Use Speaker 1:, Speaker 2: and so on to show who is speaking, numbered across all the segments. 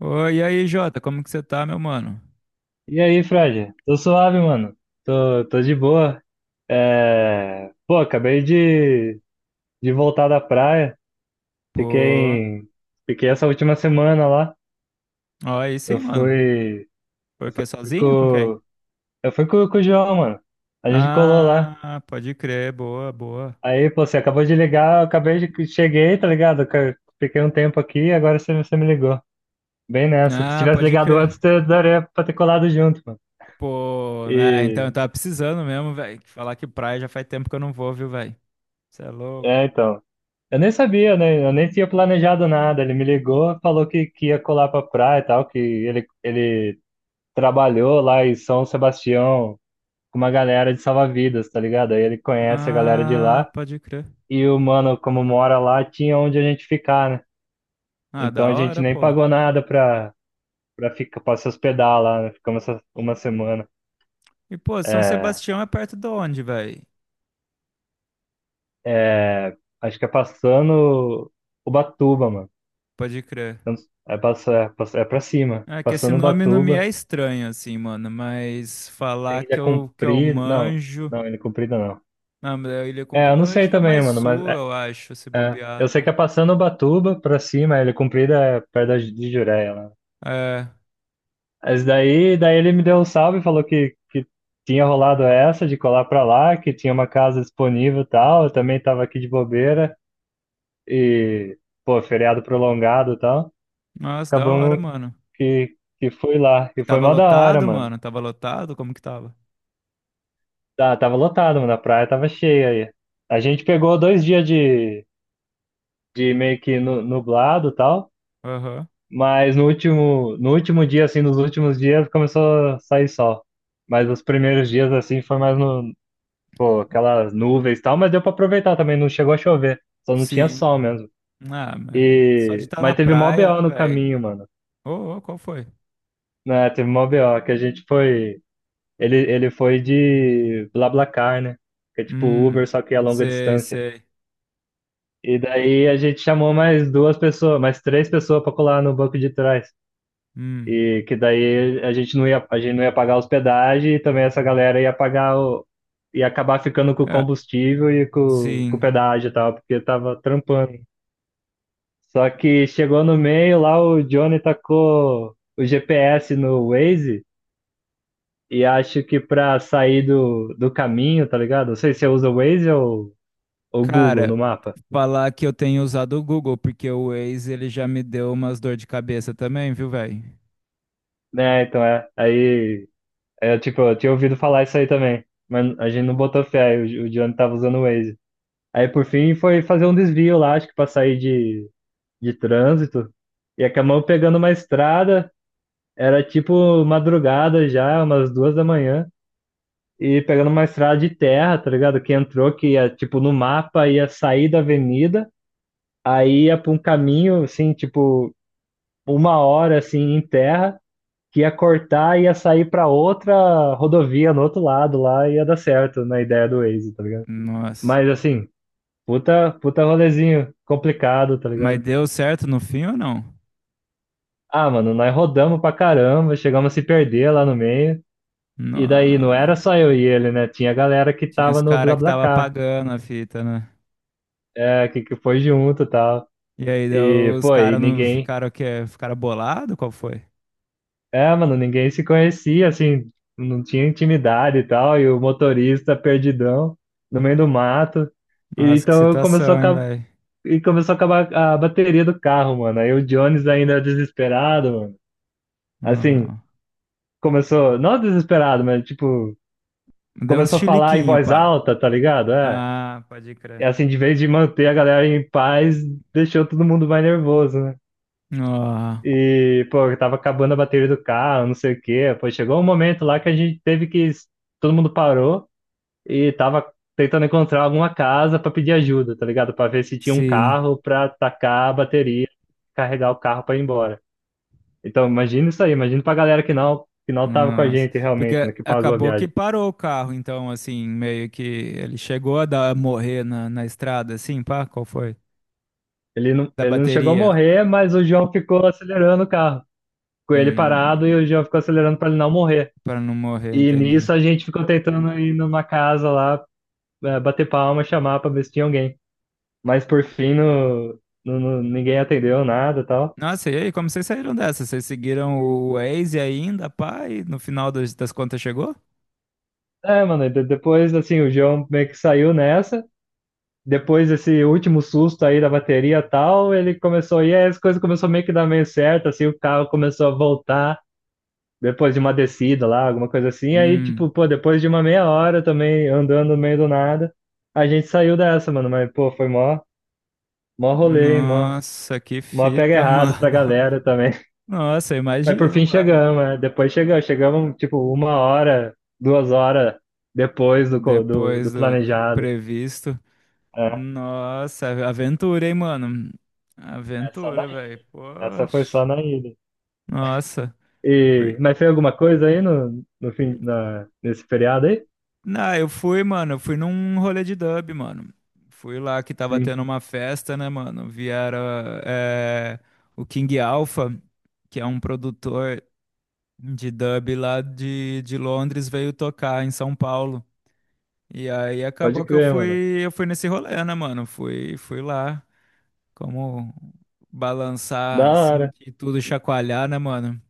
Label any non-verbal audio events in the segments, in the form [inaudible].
Speaker 1: Oi, e aí, Jota, como que você tá, meu mano?
Speaker 2: E aí, Fred? Tô suave, mano. Tô de boa. Pô, de voltar da praia. Fiquei,
Speaker 1: Pô,
Speaker 2: em- Fiquei essa última semana lá.
Speaker 1: ó, aí
Speaker 2: Eu
Speaker 1: sim, mano.
Speaker 2: fui,
Speaker 1: Por
Speaker 2: eu
Speaker 1: quê?
Speaker 2: fui
Speaker 1: Sozinho? Com quem?
Speaker 2: com, eu fui com o João, mano. A gente colou lá.
Speaker 1: Ah, pode crer, boa, boa.
Speaker 2: Aí, pô, você acabou de ligar, cheguei, tá ligado? Fiquei um tempo aqui e agora você me ligou. Bem nessa. Se
Speaker 1: Ah,
Speaker 2: tivesse
Speaker 1: pode
Speaker 2: ligado antes,
Speaker 1: crer.
Speaker 2: eu daria pra ter colado junto,
Speaker 1: Pô, né, então
Speaker 2: mano.
Speaker 1: eu tava precisando mesmo, velho. Falar que praia já faz tempo que eu não vou, viu, velho? Você é louco.
Speaker 2: É, então. Eu nem sabia, né? Eu nem tinha planejado nada. Ele me ligou, falou que ia colar pra praia e tal, que ele trabalhou lá em São Sebastião com uma galera de salva-vidas, tá ligado? Aí ele conhece a galera de
Speaker 1: Ah,
Speaker 2: lá
Speaker 1: pode crer.
Speaker 2: e o mano, como mora lá, tinha onde a gente ficar, né?
Speaker 1: Ah,
Speaker 2: Então
Speaker 1: da
Speaker 2: a gente
Speaker 1: hora,
Speaker 2: nem
Speaker 1: pô.
Speaker 2: pagou nada pra se hospedar lá, né? Uma semana.
Speaker 1: E, pô, São
Speaker 2: É,
Speaker 1: Sebastião é perto de onde, velho?
Speaker 2: Acho que é passando Ubatuba, mano.
Speaker 1: Pode crer.
Speaker 2: Então, aí passa, é pra cima.
Speaker 1: É que esse
Speaker 2: Passando
Speaker 1: nome não me é
Speaker 2: Ubatuba,
Speaker 1: estranho, assim, mano, mas falar
Speaker 2: tem Ilha
Speaker 1: que eu
Speaker 2: Comprida. Não,
Speaker 1: manjo.
Speaker 2: não, Ilha Comprida não.
Speaker 1: Não, mas a Ilha
Speaker 2: É, eu
Speaker 1: Comprida
Speaker 2: não
Speaker 1: eu acho
Speaker 2: sei
Speaker 1: que é
Speaker 2: também,
Speaker 1: mais
Speaker 2: mano,
Speaker 1: sul, eu acho, se
Speaker 2: é. Eu sei
Speaker 1: bobear,
Speaker 2: que é passando Ubatuba pra cima, a Ilha Comprida é perto da de Jureia lá.
Speaker 1: né? É.
Speaker 2: Mas daí ele me deu um salve e falou que tinha rolado essa de colar pra lá, que tinha uma casa disponível e tal. Eu também tava aqui de bobeira e, pô, feriado prolongado e tal.
Speaker 1: Nossa, da hora,
Speaker 2: Acabamos
Speaker 1: mano.
Speaker 2: que fui lá.
Speaker 1: E
Speaker 2: E foi
Speaker 1: tava
Speaker 2: mó da hora,
Speaker 1: lotado,
Speaker 2: mano.
Speaker 1: mano? Tava lotado? Como que tava?
Speaker 2: Tá, Tava lotado, mano. A praia tava cheia aí. A gente pegou dois dias de meio que nublado e tal,
Speaker 1: Aham.
Speaker 2: mas no último, nos últimos dias começou a sair sol. Mas os primeiros dias, assim, foi mais no, pô, aquelas nuvens e tal, mas deu pra aproveitar também, não chegou a chover, só não tinha
Speaker 1: Sim.
Speaker 2: sol mesmo.
Speaker 1: Ah, mas só de
Speaker 2: E,
Speaker 1: estar na
Speaker 2: mas teve mó
Speaker 1: praia,
Speaker 2: BO
Speaker 1: né,
Speaker 2: no
Speaker 1: velho?
Speaker 2: caminho, mano.
Speaker 1: Ô, ô, qual foi?
Speaker 2: Né, teve mó BO, que a gente foi, ele foi de BlaBlaCar, né? Que é tipo Uber,
Speaker 1: Hum.
Speaker 2: só que a longa
Speaker 1: Sei,
Speaker 2: distância.
Speaker 1: sei.
Speaker 2: E daí a gente chamou mais duas pessoas, mais três pessoas para colar no banco de trás.
Speaker 1: Hum.
Speaker 2: E que daí a gente não ia pagar a hospedagem e também essa galera ia pagar o, ia acabar ficando com o
Speaker 1: É,
Speaker 2: combustível e com o
Speaker 1: sim.
Speaker 2: pedágio e tal, porque tava trampando. Só que chegou no meio lá, o Johnny tacou o GPS no Waze e acho que pra sair do caminho, tá ligado? Não sei se você usa o Waze ou o Google
Speaker 1: Cara,
Speaker 2: no mapa.
Speaker 1: falar que eu tenho usado o Google, porque o Waze, ele já me deu umas dor de cabeça também, viu, velho?
Speaker 2: Né, então é. Aí eu, tipo, eu tinha ouvido falar isso aí também. Mas a gente não botou fé, aí o Johnny tava usando o Waze. Aí por fim foi fazer um desvio lá, acho que pra sair de trânsito. E acabamos pegando uma estrada, era tipo madrugada já, umas 2 da manhã. E pegando uma estrada de terra, tá ligado? Que entrou, que ia, tipo, no mapa ia sair da avenida, aí ia pra um caminho, assim, tipo, uma hora, assim, em terra. Que ia cortar e ia sair para outra rodovia no outro lado lá e ia dar certo na ideia do Waze, tá ligado?
Speaker 1: Nossa.
Speaker 2: Mas assim, puta rolezinho complicado, tá
Speaker 1: Mas
Speaker 2: ligado?
Speaker 1: deu certo no fim ou não?
Speaker 2: Ah, mano, nós rodamos pra caramba, chegamos a se perder lá no meio. E daí não
Speaker 1: Não.
Speaker 2: era só eu e ele, né? Tinha a galera que
Speaker 1: Tinha
Speaker 2: tava
Speaker 1: os
Speaker 2: no
Speaker 1: caras que tava
Speaker 2: BlaBlaCar,
Speaker 1: pagando a fita, né?
Speaker 2: é, que foi junto e tal.
Speaker 1: E aí
Speaker 2: E,
Speaker 1: deu- os
Speaker 2: pô, e
Speaker 1: caras não
Speaker 2: ninguém,
Speaker 1: ficaram o quê? Ficaram bolado? Qual foi?
Speaker 2: É, mano, ninguém se conhecia, assim, não tinha intimidade e tal, e o motorista perdidão no meio do mato. E
Speaker 1: Nossa, que
Speaker 2: então eu- começou a,
Speaker 1: situação, hein,
Speaker 2: acab-
Speaker 1: velho?
Speaker 2: e começou a acabar a bateria do carro, mano. Aí o Jones ainda é desesperado, mano. Assim,
Speaker 1: Não.
Speaker 2: não desesperado, mas tipo,
Speaker 1: Deu uns
Speaker 2: começou a falar em
Speaker 1: chiliquinho,
Speaker 2: voz
Speaker 1: pá.
Speaker 2: alta, tá ligado? É.
Speaker 1: Ah, pode
Speaker 2: E
Speaker 1: crer.
Speaker 2: assim, de vez de manter a galera em paz, deixou todo mundo mais nervoso, né?
Speaker 1: Ah,
Speaker 2: E, pô, eu tava acabando a bateria do carro, não sei o quê. Pô, chegou um momento lá que a gente teve que. Todo mundo parou e tava tentando encontrar alguma casa pra pedir ajuda, tá ligado? Pra ver se tinha um
Speaker 1: sim.
Speaker 2: carro pra tacar a bateria, carregar o carro pra ir embora. Então, imagina isso aí, imagina pra galera que não tava com a
Speaker 1: Nossa.
Speaker 2: gente realmente,
Speaker 1: Porque
Speaker 2: né, que pagou a
Speaker 1: acabou
Speaker 2: viagem.
Speaker 1: que parou o carro, então, assim, meio que ele chegou a dar, morrer na, na estrada, assim, pá, qual foi? Da
Speaker 2: Ele não chegou a
Speaker 1: bateria.
Speaker 2: morrer, mas o João ficou acelerando o carro. Com ele parado e o
Speaker 1: Hum,
Speaker 2: João ficou acelerando pra ele não morrer.
Speaker 1: para não morrer,
Speaker 2: E
Speaker 1: entendi.
Speaker 2: nisso a gente ficou tentando ir numa casa lá, é, bater palma, chamar pra ver se tinha alguém. Mas por fim, ninguém atendeu nada e tal.
Speaker 1: Nossa, e aí, como vocês saíram dessa? Vocês seguiram
Speaker 2: E-
Speaker 1: o Waze ainda, pai? No final das, das contas chegou?
Speaker 2: É, mano, depois, assim, o João meio que saiu nessa. Depois desse último susto aí da bateria e tal, e aí as coisas começaram meio que dar meio certo, assim, o carro começou a voltar. Depois de uma descida lá, alguma coisa assim. Aí,
Speaker 1: Hum,
Speaker 2: tipo, pô, depois de uma meia hora também, andando no meio do nada, a gente saiu dessa, mano. Mas, pô, foi mó rolê, hein,
Speaker 1: nossa, que
Speaker 2: mó pega
Speaker 1: fita,
Speaker 2: errado pra
Speaker 1: mano. [laughs]
Speaker 2: galera também.
Speaker 1: Nossa,
Speaker 2: Mas por
Speaker 1: imagino,
Speaker 2: fim
Speaker 1: mano.
Speaker 2: chegamos, né? Chegamos tipo uma hora, duas horas depois
Speaker 1: Depois
Speaker 2: do
Speaker 1: do
Speaker 2: planejado.
Speaker 1: previsto.
Speaker 2: É,
Speaker 1: Nossa, aventura, hein, mano?
Speaker 2: é só na
Speaker 1: Aventura,
Speaker 2: ida.
Speaker 1: velho.
Speaker 2: Essa foi
Speaker 1: Poxa.
Speaker 2: só na ida.
Speaker 1: Nossa.
Speaker 2: E, mas foi alguma coisa aí no fim, nesse feriado aí?
Speaker 1: Não, eu fui, mano, eu fui num rolê de dub, mano. Fui lá que tava
Speaker 2: Sim,
Speaker 1: tendo uma festa, né, mano? Vieram é, o King Alpha, que é um produtor de dub lá de Londres, veio tocar em São Paulo. E aí
Speaker 2: pode
Speaker 1: acabou que
Speaker 2: crer, mano.
Speaker 1: eu fui nesse rolê, né, mano? Fui, fui lá, como
Speaker 2: Da
Speaker 1: balançar,
Speaker 2: hora.
Speaker 1: sentir tudo chacoalhar, né, mano?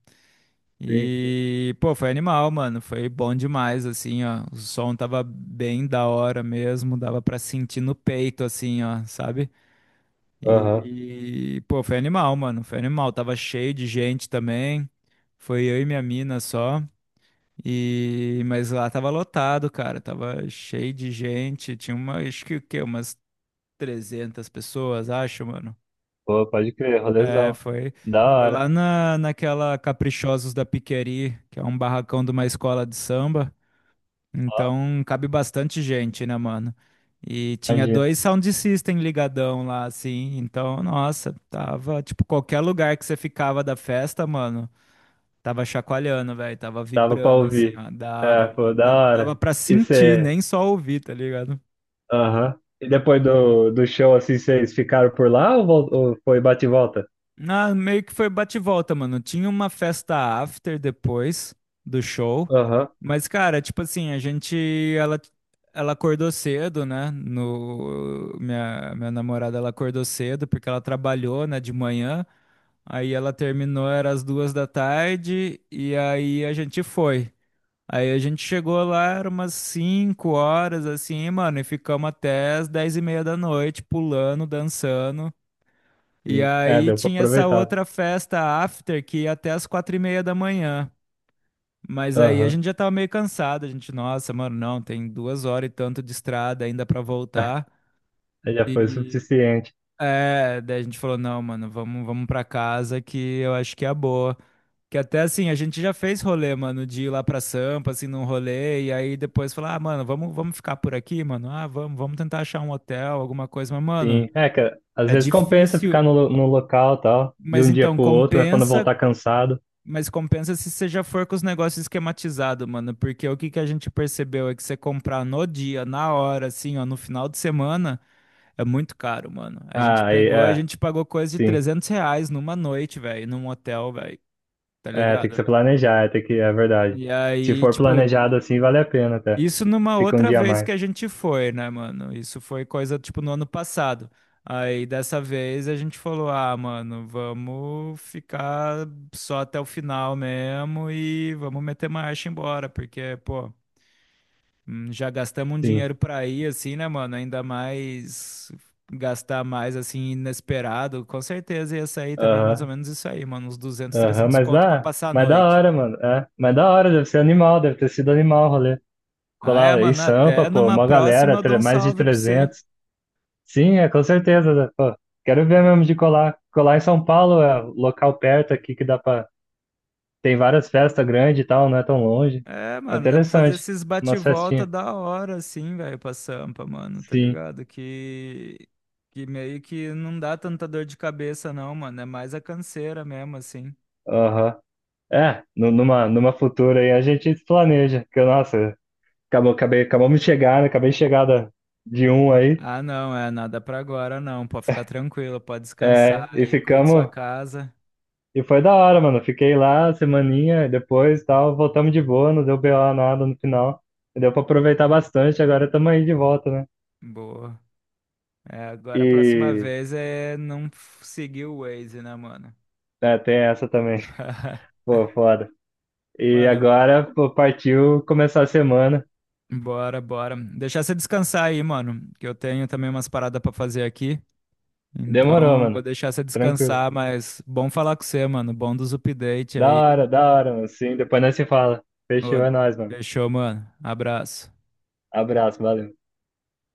Speaker 2: Sim, sim.
Speaker 1: E, pô, foi animal, mano. Foi bom demais, assim, ó. O som tava bem da hora mesmo, dava pra sentir no peito, assim, ó, sabe?
Speaker 2: Aham.
Speaker 1: E, pô, foi animal, mano. Foi animal. Tava cheio de gente também. Foi eu e minha mina só. E, mas lá tava lotado, cara. Tava cheio de gente. Tinha uma, acho que o quê? Umas 300 pessoas, acho, mano.
Speaker 2: Pô, pode crer,
Speaker 1: É,
Speaker 2: rolezão.
Speaker 1: foi,
Speaker 2: Da
Speaker 1: foi
Speaker 2: hora.
Speaker 1: lá na, naquela Caprichosos da Piqueri, que é um barracão de uma escola de samba.
Speaker 2: Ó,
Speaker 1: Então cabe bastante gente, né, mano? E tinha
Speaker 2: imagina.
Speaker 1: dois sound system ligadão lá, assim. Então, nossa, tava, tipo, qualquer lugar que você ficava da festa, mano, tava chacoalhando, velho, tava
Speaker 2: Dava pra
Speaker 1: vibrando, assim,
Speaker 2: ouvir.
Speaker 1: ó.
Speaker 2: É,
Speaker 1: Dava,
Speaker 2: pô,
Speaker 1: mano.
Speaker 2: da
Speaker 1: Dava
Speaker 2: hora.
Speaker 1: pra
Speaker 2: E
Speaker 1: sentir,
Speaker 2: você.
Speaker 1: nem só ouvir, tá ligado?
Speaker 2: Aham. E depois do show, assim, vocês ficaram por lá ou, ou foi bate e volta?
Speaker 1: Ah, meio que foi bate e volta, mano. Tinha uma festa after depois do show,
Speaker 2: Aham,
Speaker 1: mas, cara, tipo assim, a gente, ela, ela acordou cedo, né? No, minha namorada, ela acordou cedo porque ela trabalhou, né, de manhã. Aí ela terminou, era às 2 da tarde, e aí a gente foi. Aí a gente chegou lá, era umas 5 horas, assim, mano, e ficamos até as 22:30, pulando, dançando. E
Speaker 2: sim. É,
Speaker 1: aí
Speaker 2: deu pra
Speaker 1: tinha essa
Speaker 2: aproveitar.
Speaker 1: outra festa after que ia até as 4:30. Mas aí a
Speaker 2: Aham,
Speaker 1: gente já tava meio cansado, a gente, nossa, mano, não, tem 2 horas e tanto de estrada ainda pra voltar.
Speaker 2: aí já foi o
Speaker 1: E
Speaker 2: suficiente.
Speaker 1: é, daí a gente falou, não, mano, vamos pra casa que eu acho que é a boa. Que até assim, a gente já fez rolê, mano, de ir lá pra Sampa, assim, num rolê, e aí depois falar, ah, mano, vamos ficar por aqui, mano, ah, vamos tentar achar um hotel, alguma coisa, mas, mano,
Speaker 2: Sim. É, que às
Speaker 1: é
Speaker 2: vezes compensa
Speaker 1: difícil.
Speaker 2: ficar no, no local e tal, de
Speaker 1: Mas
Speaker 2: um dia
Speaker 1: então,
Speaker 2: pro outro, né? Quando
Speaker 1: compensa.
Speaker 2: voltar cansado.
Speaker 1: Mas compensa se você já for com os negócios esquematizados, mano. Porque o que que a gente percebeu é que você comprar no dia, na hora, assim, ó, no final de semana, é muito caro, mano. A gente
Speaker 2: Ah, aí,
Speaker 1: pegou, a
Speaker 2: é,
Speaker 1: gente pagou coisa de
Speaker 2: sim.
Speaker 1: R$ 300 numa noite, velho, num hotel, velho, tá
Speaker 2: É, tem que
Speaker 1: ligado?
Speaker 2: ser planejar, é, tem que, é verdade.
Speaker 1: E
Speaker 2: Se
Speaker 1: aí,
Speaker 2: for
Speaker 1: tipo,
Speaker 2: planejado assim, vale a pena até.
Speaker 1: isso numa
Speaker 2: Fica um
Speaker 1: outra
Speaker 2: dia a
Speaker 1: vez que
Speaker 2: mais.
Speaker 1: a gente foi, né, mano? Isso foi coisa tipo no ano passado. Aí dessa vez a gente falou: ah, mano, vamos ficar só até o final mesmo e vamos meter marcha e embora, porque, pô, já gastamos um
Speaker 2: Sim.
Speaker 1: dinheiro pra ir, assim, né, mano? Ainda mais gastar mais, assim, inesperado. Com certeza ia sair também mais ou
Speaker 2: Aham,
Speaker 1: menos isso aí, mano, uns 200,
Speaker 2: aham,
Speaker 1: 300
Speaker 2: mas
Speaker 1: conto pra
Speaker 2: dá.
Speaker 1: passar a
Speaker 2: Mas da
Speaker 1: noite.
Speaker 2: hora, mano. É, mas da hora, deve ser animal, deve ter sido animal o rolê.
Speaker 1: Ah, é,
Speaker 2: Colar em
Speaker 1: mano,
Speaker 2: Sampa,
Speaker 1: até
Speaker 2: pô,
Speaker 1: numa
Speaker 2: uma
Speaker 1: próxima
Speaker 2: galera,
Speaker 1: eu dou um
Speaker 2: mais de
Speaker 1: salve pra você.
Speaker 2: trezentos Sim, é, com certeza. Né? Pô, quero ver mesmo de colar. Colar em São Paulo é um local perto aqui que dá pra. Tem várias festas grandes e tal, não é tão longe.
Speaker 1: É,
Speaker 2: É
Speaker 1: mano, dá pra fazer
Speaker 2: interessante.
Speaker 1: esses
Speaker 2: Umas
Speaker 1: bate-volta
Speaker 2: festinhas.
Speaker 1: da hora, assim, velho, pra Sampa, mano, tá
Speaker 2: Sim.
Speaker 1: ligado? Que meio que não dá tanta dor de cabeça, não, mano. É mais a canseira mesmo, assim.
Speaker 2: Aham. É, numa futura aí a gente se planeja. Que, nossa, acabamos de chegar, né? Acabei de chegar da- De um aí.
Speaker 1: Ah, não, é nada pra agora, não. Pode ficar tranquilo, pode descansar
Speaker 2: É, e
Speaker 1: aí, curte sua
Speaker 2: ficamos.
Speaker 1: casa.
Speaker 2: E foi da hora, mano. Fiquei lá semaninha, depois tal, voltamos de boa, não deu BO nada no final. Deu pra aproveitar bastante, agora estamos aí de volta, né?
Speaker 1: Boa. É, agora a próxima
Speaker 2: E
Speaker 1: vez é não seguir o Waze, né, mano?
Speaker 2: É, tem essa também. [laughs]
Speaker 1: [laughs]
Speaker 2: Pô, foda. E
Speaker 1: Mano,
Speaker 2: agora, pô, partiu começar a semana.
Speaker 1: bora, bora. Deixar você descansar aí, mano, que eu tenho também umas paradas pra fazer aqui.
Speaker 2: Demorou,
Speaker 1: Então,
Speaker 2: mano.
Speaker 1: vou deixar você
Speaker 2: Tranquilo.
Speaker 1: descansar, mas bom falar com você, mano. Bom dos updates aí.
Speaker 2: Da hora, mano. Sim, depois nós se fala.
Speaker 1: Ô,
Speaker 2: Fechou, é nóis, mano.
Speaker 1: fechou, mano. Abraço.
Speaker 2: Abraço, valeu.